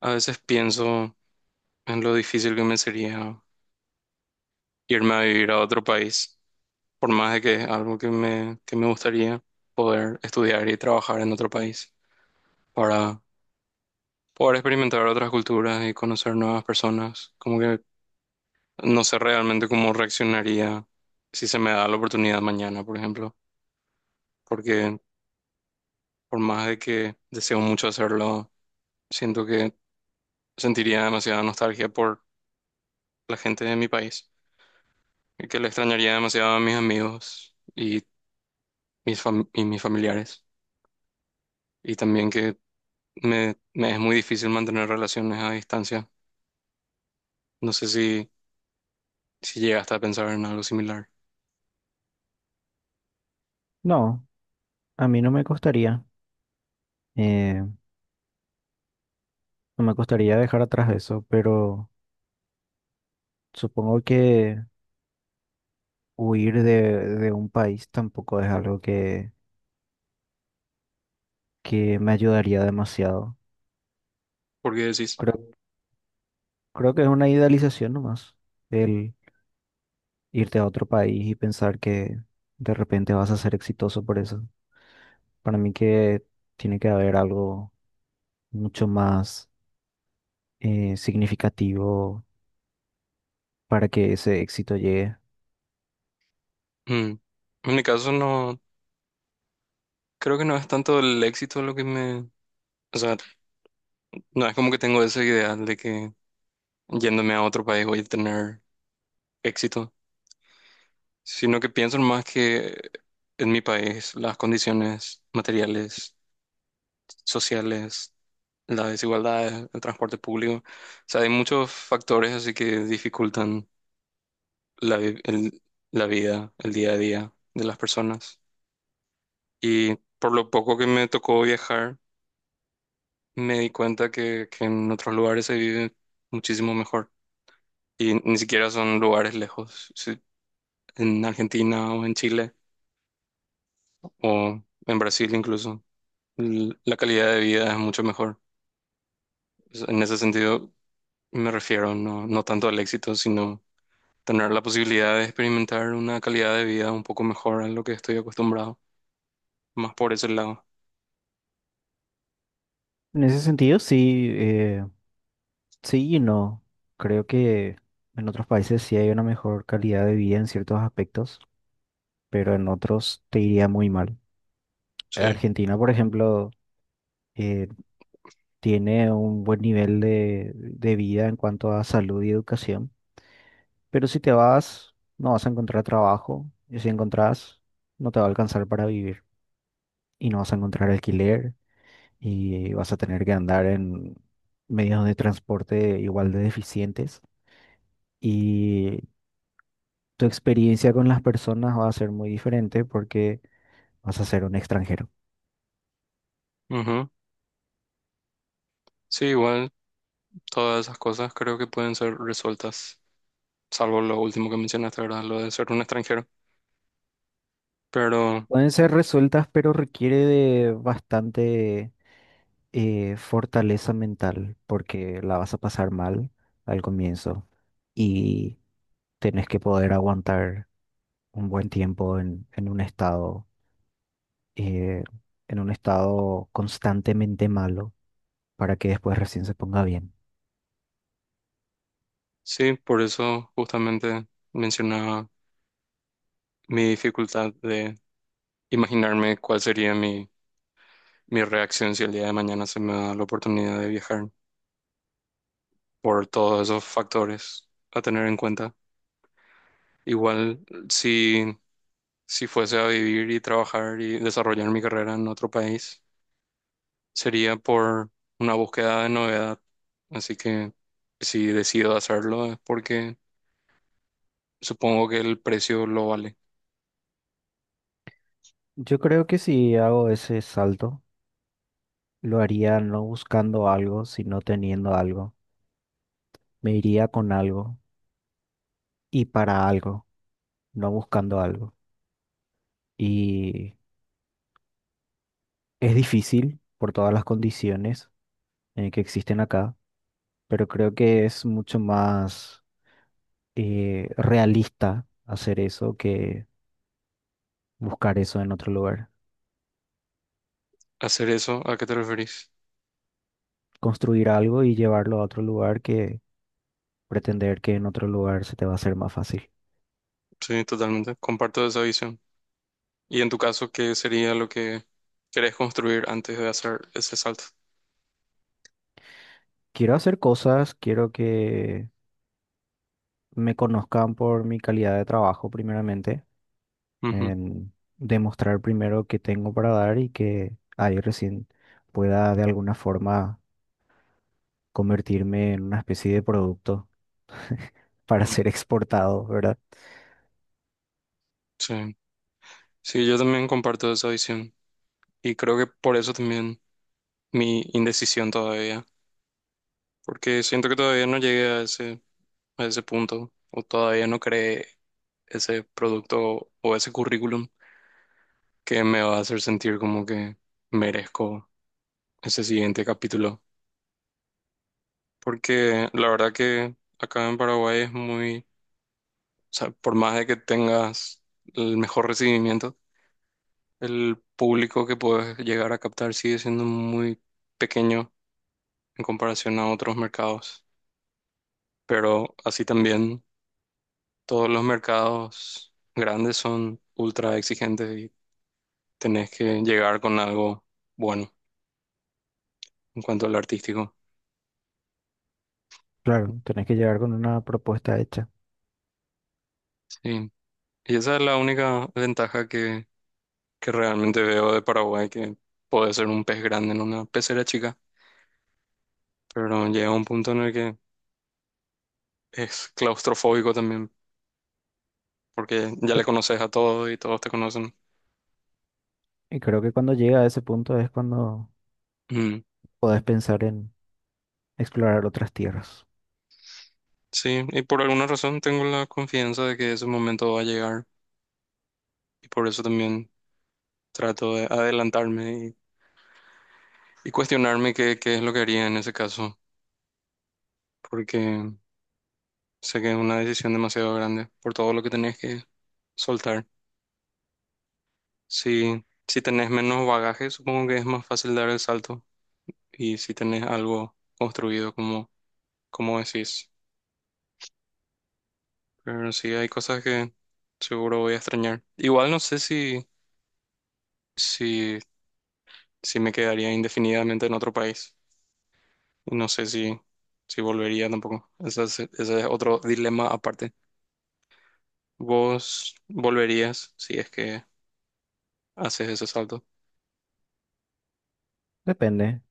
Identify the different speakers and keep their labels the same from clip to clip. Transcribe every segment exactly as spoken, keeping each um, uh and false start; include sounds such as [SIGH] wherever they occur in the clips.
Speaker 1: A veces pienso en lo difícil que me sería irme a vivir a otro país, por más de que es algo que me, que me gustaría poder estudiar y trabajar en otro país para poder experimentar otras culturas y conocer nuevas personas. Como que no sé realmente cómo reaccionaría si se me da la oportunidad mañana, por ejemplo, porque por más de que deseo mucho hacerlo, siento que sentiría demasiada nostalgia por la gente de mi país y que le extrañaría demasiado a mis amigos. Y mis fam- y mis familiares. Y también que me, me es muy difícil mantener relaciones a distancia. No sé si, ¿Si llegaste a pensar en algo similar?
Speaker 2: No, a mí no me costaría, eh, no me costaría dejar atrás eso, pero supongo que huir de, de un país tampoco es algo que, que me ayudaría demasiado.
Speaker 1: ¿Por qué decís?
Speaker 2: Creo, creo que es una idealización nomás, el irte a otro país y pensar que de repente vas a ser exitoso por eso. Para mí que tiene que haber algo mucho más eh, significativo para que ese éxito llegue.
Speaker 1: Mm. En mi caso no, creo que no es tanto el éxito lo que me... O sea, no es como que tengo ese ideal de que yéndome a otro país voy a tener éxito, sino que pienso más que en mi país las condiciones materiales, sociales, la desigualdad en el transporte público. O sea, hay muchos factores así que dificultan la, vi- el- la vida, el día a día de las personas. Y por lo poco que me tocó viajar, me di cuenta que, que en otros lugares se vive muchísimo mejor. Y ni siquiera son lugares lejos. Si- En Argentina o en Chile o en Brasil incluso, l- la calidad de vida es mucho mejor. O sea, en ese sentido me refiero no, no tanto al éxito, sino tener la posibilidad de experimentar una calidad de vida un poco mejor a lo que estoy acostumbrado, más por ese lado.
Speaker 2: En ese sentido, sí. eh, Sí y no. Creo que en otros países sí hay una mejor calidad de vida en ciertos aspectos, pero en otros te iría muy mal.
Speaker 1: Sí.
Speaker 2: Argentina, por ejemplo, eh, tiene un buen nivel de, de vida en cuanto a salud y educación, pero si te vas, no vas a encontrar trabajo, y si encontrás, no te va a alcanzar para vivir, y no vas a encontrar alquiler, y vas a tener que andar en medios de transporte igual de deficientes. Y tu experiencia con las personas va a ser muy diferente porque vas a ser un extranjero.
Speaker 1: Ujú. Sí, igual todas esas cosas creo que pueden ser resueltas, salvo lo último que mencionaste, ¿verdad? Lo de ser un extranjero. Pero
Speaker 2: Pueden ser resueltas, pero requiere de bastante eh, fortaleza mental porque la vas a pasar mal al comienzo y tenés que poder aguantar un buen tiempo en, en un estado, eh, en un estado constantemente malo para que después recién se ponga bien.
Speaker 1: sí, por eso justamente mencionaba mi dificultad de imaginarme cuál sería mi, mi reacción si el día de mañana se me da la oportunidad de viajar por todos esos factores a tener en cuenta. Igual, si si fuese a vivir y trabajar y desarrollar mi carrera en otro país, sería por una búsqueda de novedad. Así que si decido hacerlo es porque supongo que el precio lo vale.
Speaker 2: Yo creo que si hago ese salto, lo haría no buscando algo, sino teniendo algo. Me iría con algo y para algo, no buscando algo. Y es difícil por todas las condiciones eh, que existen acá, pero creo que es mucho más eh, realista hacer eso que buscar eso en otro lugar.
Speaker 1: ¿Hacer eso? ¿A qué te referís?
Speaker 2: Construir algo y llevarlo a otro lugar que pretender que en otro lugar se te va a hacer más fácil.
Speaker 1: Sí, totalmente. Comparto esa visión. ¿Y en tu caso, qué sería lo que querés construir antes de hacer ese salto?
Speaker 2: Quiero hacer cosas, quiero que me conozcan por mi calidad de trabajo primeramente,
Speaker 1: Ujú,
Speaker 2: en demostrar primero qué tengo para dar y que ahí recién pueda de alguna forma convertirme en una especie de producto para
Speaker 1: ujú.
Speaker 2: ser [LAUGHS] exportado, ¿verdad?
Speaker 1: Sí. Sí, yo también comparto esa visión. Y creo que por eso también mi indecisión todavía. Porque siento que todavía no llegué a ese, a ese punto, o todavía no creé ese producto o ese currículum que me va a hacer sentir como que merezco ese siguiente capítulo. Porque la verdad que acá en Paraguay es muy, o sea, por más de que tengas el mejor recibimiento, el público que puedes llegar a captar sigue siendo muy pequeño en comparación a otros mercados. Pero así también todos los mercados grandes son ultra exigentes, tenés que llegar con algo bueno en cuanto al artístico.
Speaker 2: Claro, tenés que llegar con una propuesta hecha.
Speaker 1: Sí. Y esa es la única ventaja que, que realmente veo de Paraguay, que puede ser un pez grande en una pecera chica, pero llega un punto en el que es claustrofóbico también, porque ya le
Speaker 2: Pero-
Speaker 1: conoces a todos y todos te conocen.
Speaker 2: Y creo que cuando llega a ese punto es cuando
Speaker 1: Mm.
Speaker 2: podés pensar en explorar otras tierras.
Speaker 1: Sí, y por alguna razón tengo la confianza de que ese momento va a llegar y por eso también trato de adelantarme y, y cuestionarme qué, qué es lo que haría en ese caso, porque sé que es una decisión demasiado grande por todo lo que tenés que soltar. Si, si tenés menos bagaje, supongo que es más fácil dar el salto. Y si tenés algo construido, como, como decís. Pero sí, hay cosas que seguro voy a extrañar. Igual no sé si, si, si me quedaría indefinidamente en otro país. Y no sé si, si volvería tampoco. Ese es, ese es otro dilema aparte. ¿Vos volverías si es que haces ese salto?
Speaker 2: Depende.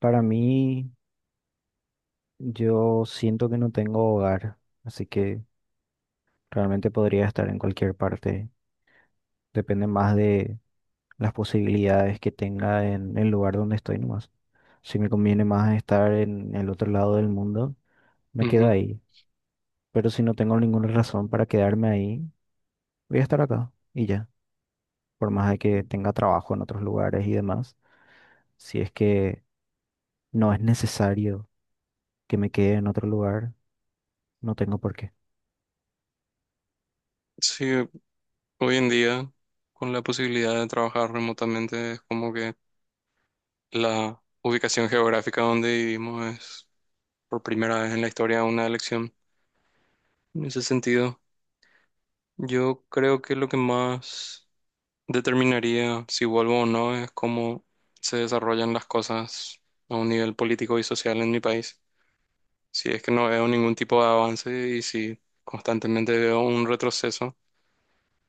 Speaker 2: Para mí, yo siento que no tengo hogar, así que realmente podría estar en cualquier parte. Depende más de las posibilidades que tenga en el lugar donde estoy nomás. Si me conviene más estar en el otro lado del mundo, me quedo
Speaker 1: Ujú.
Speaker 2: ahí. Pero si no tengo ninguna razón para quedarme ahí, voy a estar acá y ya. Por más de que tenga trabajo en otros lugares y demás, si es que no es necesario que me quede en otro lugar, no tengo por qué.
Speaker 1: Sí. Hoy en día, con la posibilidad de trabajar remotamente, es como que la ubicación geográfica donde vivimos es por primera vez en la historia una elección. En ese sentido, yo creo que lo que más determinaría si vuelvo o no es cómo se desarrollan las cosas a un nivel político y social en mi país. Si es que no veo ningún tipo de avance y si constantemente veo un retroceso,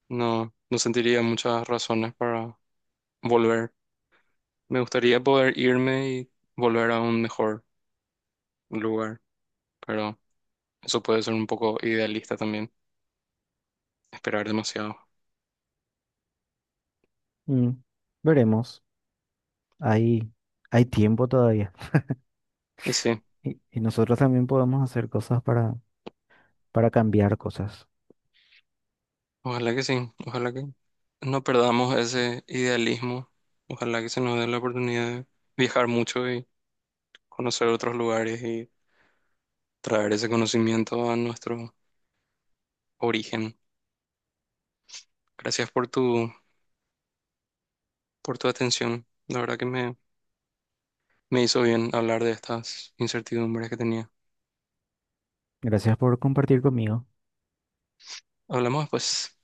Speaker 1: no, no sentiría muchas razones para volver. Me gustaría poder irme y volver a un mejor lugar, pero eso puede ser un poco idealista también, esperar demasiado.
Speaker 2: Mm, veremos. Hay, hay tiempo todavía.
Speaker 1: Y sí,
Speaker 2: Y, y nosotros también podemos hacer cosas para, para cambiar cosas.
Speaker 1: ojalá que sí, ojalá que no perdamos ese idealismo, ojalá que se nos dé la oportunidad de viajar mucho y conocer otros lugares y traer ese conocimiento a nuestro origen. Gracias por tu, por tu atención, la verdad que me, me hizo bien hablar de estas incertidumbres que tenía.
Speaker 2: Gracias por compartir conmigo.
Speaker 1: Hablamos pues,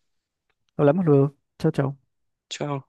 Speaker 2: Hablamos luego. Chao, chao.
Speaker 1: chao.